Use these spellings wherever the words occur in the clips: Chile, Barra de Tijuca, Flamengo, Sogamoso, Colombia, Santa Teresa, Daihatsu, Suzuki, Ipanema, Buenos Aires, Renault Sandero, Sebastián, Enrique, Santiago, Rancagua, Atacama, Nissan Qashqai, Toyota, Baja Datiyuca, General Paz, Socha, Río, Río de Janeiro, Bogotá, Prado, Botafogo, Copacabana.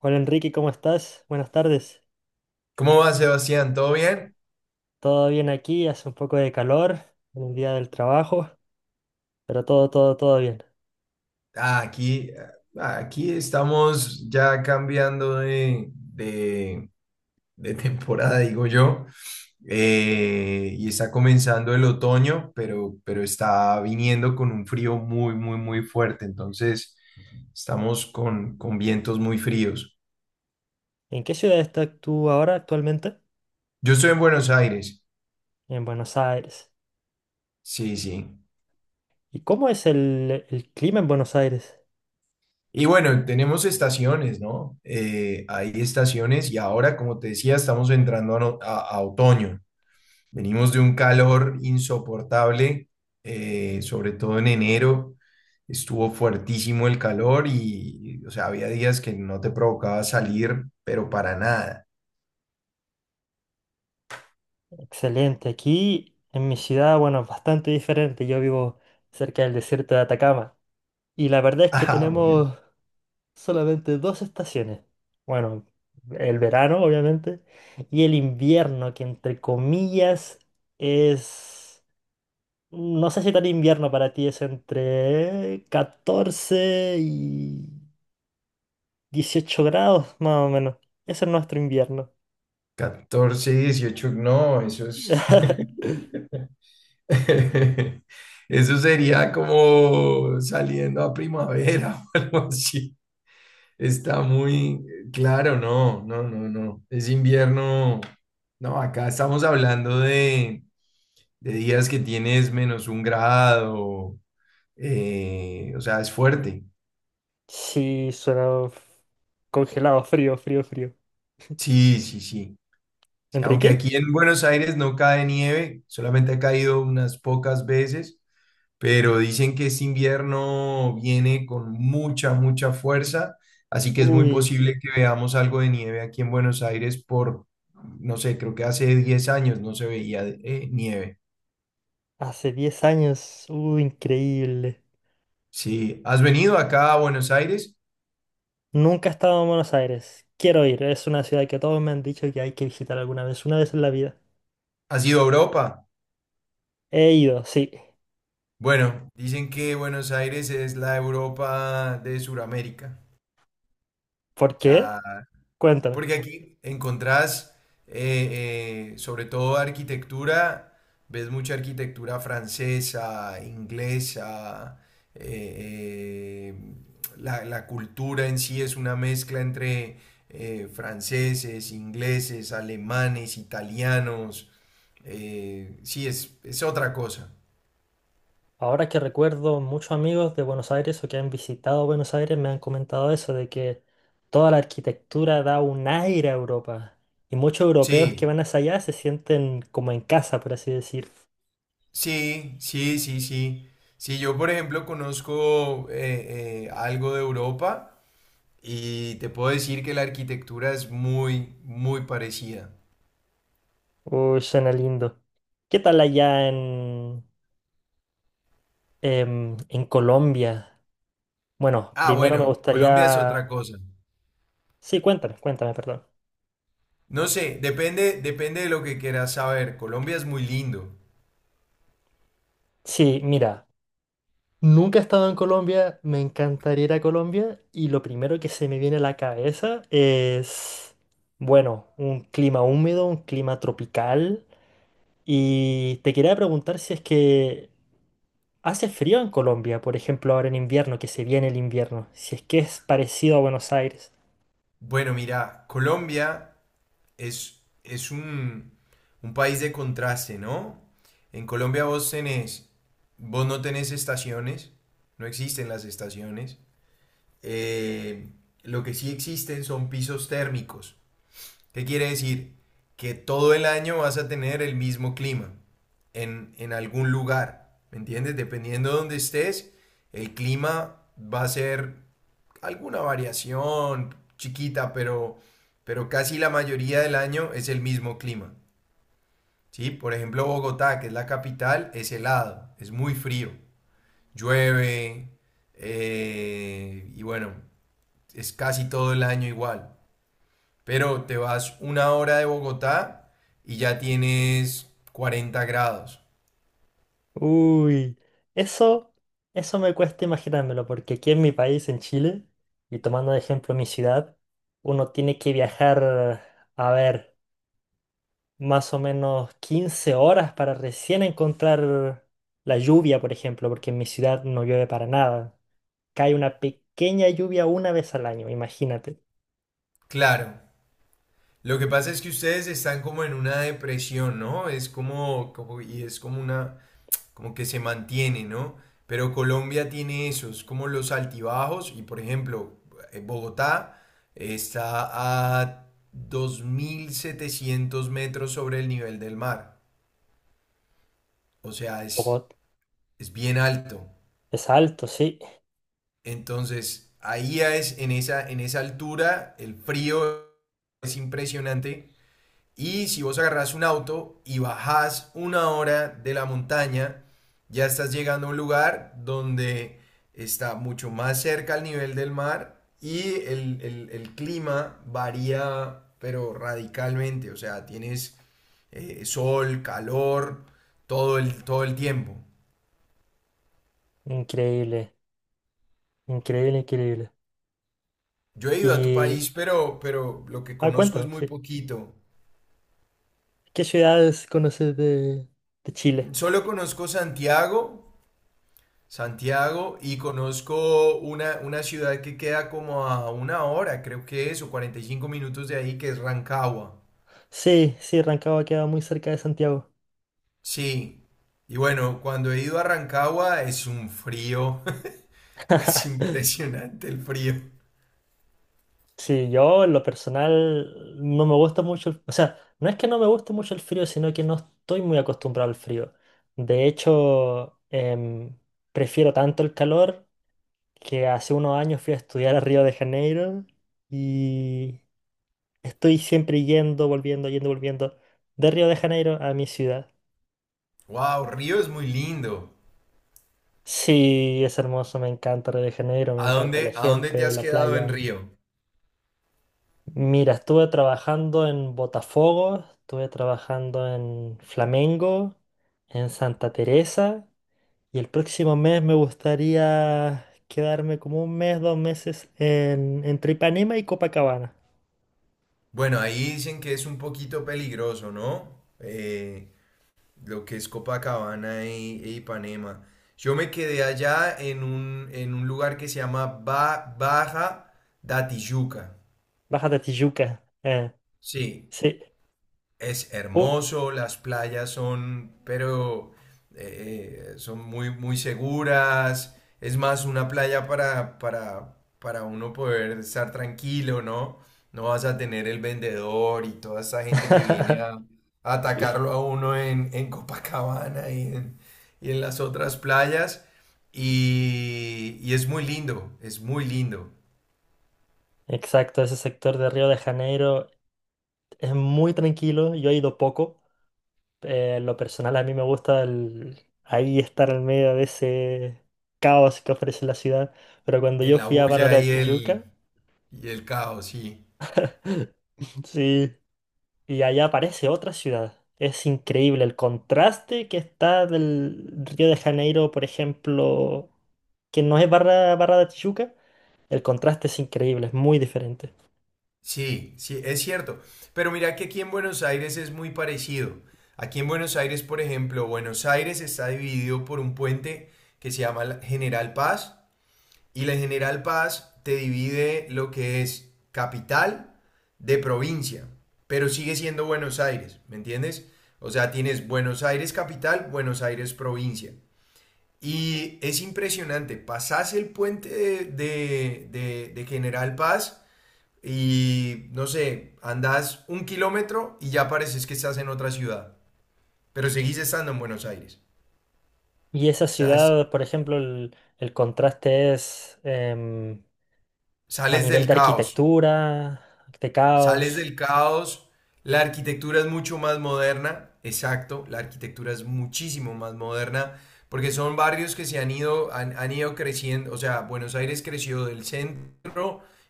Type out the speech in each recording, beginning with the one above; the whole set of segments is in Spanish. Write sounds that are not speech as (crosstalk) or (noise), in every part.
Hola Enrique, ¿cómo estás? Buenas tardes. ¿Cómo va, Sebastián? ¿Todo bien? Todo bien aquí, hace un poco de calor en el día del trabajo, pero todo bien. Ah, aquí, ah, aquí estamos ya cambiando de temporada, digo yo. Y está comenzando el otoño, pero está viniendo con un frío muy, muy, muy fuerte, entonces estamos con vientos muy fríos. ¿En qué ciudad estás tú ahora actualmente? Yo estoy en Buenos Aires, En Buenos Aires. sí, sí. ¿Y cómo es el clima en Buenos Aires? Y bueno, tenemos estaciones, ¿no? Hay estaciones y ahora, como te decía, estamos entrando a no- a otoño. Venimos de un calor insoportable, sobre todo en enero. Estuvo fuertísimo el calor y, o sea, había días que no te provocaba salir, pero para nada. (laughs) Excelente. Aquí en mi ciudad, bueno, es bastante diferente. Yo vivo cerca del desierto de Atacama. Y la verdad es que Ah, bueno, tenemos solamente dos estaciones. Bueno, el verano, obviamente, y el invierno, que entre comillas es... No sé si tan invierno para ti, es entre 14 y 18 grados, más o menos. Ese es nuestro invierno. 14, 18, no, eso es (laughs) (laughs) eso sería como saliendo a primavera (laughs) o algo así. Está muy claro, no, no, no, no. Es invierno. No, acá estamos hablando de días que tienes menos un grado, o sea, es fuerte. Sí, suena congelado, frío, frío, frío. Sí, sí, sí, sí. Aunque ¿Enrique? aquí en Buenos Aires no cae nieve, solamente ha caído unas pocas veces, pero dicen que este invierno viene con mucha, mucha fuerza, así que es muy Uy, posible que veamos algo de nieve aquí en Buenos Aires por, no sé, creo que hace 10 años no se veía nieve. hace 10 años. Uy, increíble. Sí, ¿has venido acá a Buenos Aires? Nunca he estado en Buenos Aires. Quiero ir. Es una ciudad que todos me han dicho que hay que visitar alguna vez, una vez en la vida. ¿Has ido a Europa? He ido, sí. Bueno, dicen que Buenos Aires es la Europa de Sudamérica. ¿Por O sea, qué? Cuéntame. porque aquí encontrás, sobre todo arquitectura, ves mucha arquitectura francesa, inglesa, eh, eh, la cultura en sí es una mezcla entre franceses, ingleses, alemanes, italianos. Sí, es otra cosa. Ahora que recuerdo, muchos amigos de Buenos Aires o que han visitado Buenos Aires me han comentado eso, de que toda la arquitectura da un aire a Europa. Y muchos europeos Sí. que van hacia allá se sienten como en casa, por así decir. Sí, sí, sí, sí. Sí, yo por ejemplo conozco algo de Europa y te puedo decir que la arquitectura es muy, muy parecida. Uy, suena lindo. ¿Qué tal allá en, en Colombia? Bueno, Ah, primero me bueno, Colombia es gustaría... otra cosa. Sí, cuéntame, cuéntame, perdón. No sé, depende de lo que quieras saber. Colombia es muy lindo. Sí, mira, nunca he estado en Colombia, me encantaría ir a Colombia y lo primero que se me viene a la cabeza es, bueno, un clima húmedo, un clima tropical y te quería preguntar si es que hace frío en Colombia, por ejemplo, ahora en invierno, que se viene el invierno, si es que es parecido a Buenos Aires. Bueno, mira, Colombia es un país de contraste, ¿no? En Colombia vos no tenés estaciones, no existen las estaciones. Eh, lo que sí existen son pisos térmicos. ¿Qué quiere decir? Que todo el año vas a tener el mismo clima en algún lugar. ¿Me entiendes? Dependiendo de donde estés, el clima va a ser alguna variación chiquita, pero casi la mayoría del año es el mismo clima. ¿Sí? Por ejemplo, Bogotá, que es la capital, es helado, es muy frío, llueve, y bueno, es casi todo el año igual. Pero te vas una hora de Bogotá y ya tienes 40 grados. Uy, eso, eso me cuesta imaginármelo, porque aquí en mi país, en Chile, y tomando de ejemplo mi ciudad, uno tiene que viajar, a ver, más o menos 15 horas para recién encontrar la lluvia, por ejemplo, porque en mi ciudad no llueve para nada. Cae una pequeña lluvia una vez al año, imagínate. Claro, lo que pasa es que ustedes están como en una depresión, ¿no? Es como es como una, como que se mantiene, ¿no? Pero Colombia tiene esos, como los altibajos, y por ejemplo, Bogotá está a 2700 metros sobre el nivel del mar. O sea, es, Bogot es bien alto. es alto, sí. Entonces, ahí es en esa altura, el frío es impresionante. Y si vos agarrás un auto y bajás una hora de la montaña, ya estás llegando a un lugar donde está mucho más cerca al nivel del mar y el clima varía, pero radicalmente. O sea, tienes sol, calor, todo el tiempo. Increíble, increíble, increíble. Yo he ido a tu Y, país, pero lo que ah, conozco es cuéntame, muy sí. poquito. ¿Qué ciudades conoces de Chile? Solo conozco Santiago, Santiago, y conozco una ciudad que queda como a una hora, creo que es, o 45 minutos de ahí, que es Rancagua. Sí, sí, Rancagua queda muy cerca de Santiago. Sí. Y bueno, cuando he ido a Rancagua es un frío. (laughs) Es (laughs) impresionante el frío. Sí, yo en lo personal no me gusta mucho, o sea, no es que no me guste mucho el frío, sino que no estoy muy acostumbrado al frío. De hecho, prefiero tanto el calor, que hace unos años fui a estudiar a Río de Janeiro y estoy siempre yendo, volviendo de Río de Janeiro a mi ciudad. Wow, Río es muy lindo. Sí, es hermoso, me encanta Río de Janeiro, me encanta la A dónde te gente, has la quedado en playa. Río? Mira, estuve trabajando en Botafogo, estuve trabajando en Flamengo, en Santa Teresa y el próximo mes me gustaría quedarme como un mes, dos meses en, entre Ipanema y Copacabana. Bueno, ahí dicen que es un poquito peligroso, ¿no? Lo que es Copacabana e Ipanema. Yo me quedé allá en un lugar que se llama Baja Datiyuca. Baja de Tijuca. Sí, Sí. es Uy. hermoso, las playas son, pero son muy, muy seguras. Es más, una playa para uno poder estar tranquilo, ¿no? No vas a tener el vendedor y toda esa gente que viene (laughs) a atacarlo a uno en Copacabana y en las otras playas. Y es muy lindo, es muy lindo. Exacto, ese sector de Río de Janeiro es muy tranquilo, yo he ido poco. En lo personal a mí me gusta ahí estar en medio de ese caos que ofrece la ciudad. Pero cuando En yo la fui a bulla y Paratachiyuca, el, y el caos, sí. (laughs) sí, y allá aparece otra ciudad. Es increíble el contraste que está del Río de Janeiro, por ejemplo, que no es Barra, Barra de Tijuca. El contraste es increíble, es muy diferente. Sí, sí, es cierto. Pero mira que aquí en Buenos Aires es muy parecido. Aquí en Buenos Aires, por ejemplo, Buenos Aires está dividido por un puente que se llama la General Paz y la General Paz te divide lo que es capital de provincia, pero sigue siendo Buenos Aires, ¿me entiendes? O sea, tienes Buenos Aires capital, Buenos Aires provincia. Y es impresionante, pasás el puente de General Paz y no sé, andás un kilómetro y ya pareces que estás en otra ciudad, pero seguís estando en Buenos Aires. Y esa O sea, ciudad, por ejemplo, el contraste es a sales nivel del de caos, arquitectura, de caos. sales del caos, la arquitectura es mucho más moderna, exacto, la arquitectura es muchísimo más moderna, porque son barrios que se han ido, han ido creciendo, o sea, Buenos Aires creció del centro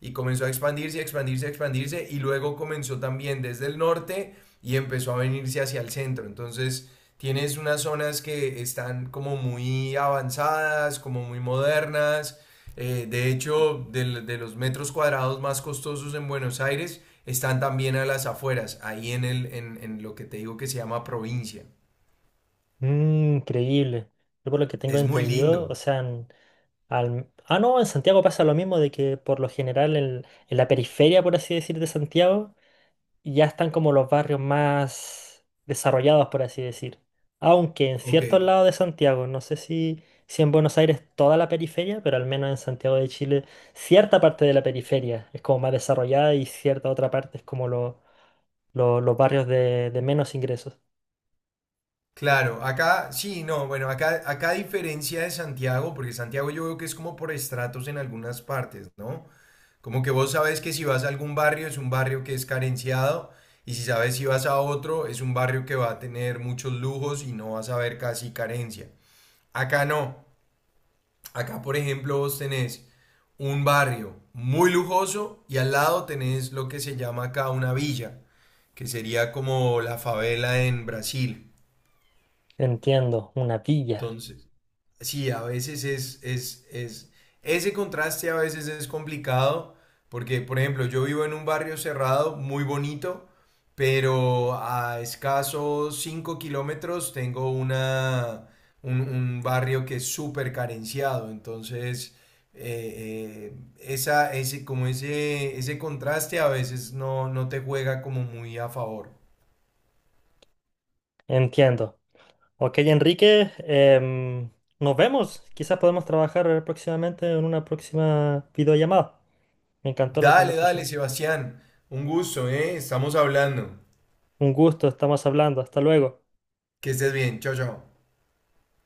y comenzó a expandirse, expandirse y luego comenzó también desde el norte y empezó a venirse hacia el centro. Entonces tienes unas zonas que están como muy avanzadas, como muy modernas. De hecho, los metros cuadrados más costosos en Buenos Aires están también a las afueras, ahí en lo que te digo que se llama provincia. Mm, increíble. Yo por lo que tengo Es muy entendido, o lindo. sea, no, en Santiago pasa lo mismo de que por lo general en la periferia, por así decir, de Santiago, ya están como los barrios más desarrollados, por así decir. Aunque en Ok. ciertos lados de Santiago, no sé si, si en Buenos Aires toda la periferia, pero al menos en Santiago de Chile, cierta parte de la periferia es como más desarrollada y cierta otra parte es como los barrios de menos ingresos. Claro, acá sí, no, bueno, acá a diferencia de Santiago, porque Santiago yo veo que es como por estratos en algunas partes, ¿no? Como que vos sabes que si vas a algún barrio es un barrio que es carenciado y si sabes si vas a otro es un barrio que va a tener muchos lujos y no vas a ver casi carencia. Acá no, acá por ejemplo vos tenés un barrio muy lujoso y al lado tenés lo que se llama acá una villa, que sería como la favela en Brasil. Entiendo, una villa. Entonces sí, a veces ese contraste a veces es complicado, porque, por ejemplo, yo vivo en un barrio cerrado, muy bonito, pero a escasos 5 kilómetros tengo un barrio que es súper carenciado, entonces esa, ese, como ese contraste a veces no, no te juega como muy a favor. Entiendo. Ok, Enrique, nos vemos. Quizás podemos trabajar próximamente en una próxima videollamada. Me encantó la Dale, dale, conversación. Sebastián, un gusto, ¿eh? Estamos hablando. Un gusto, estamos hablando. Hasta luego. Que estés bien, chao, chao.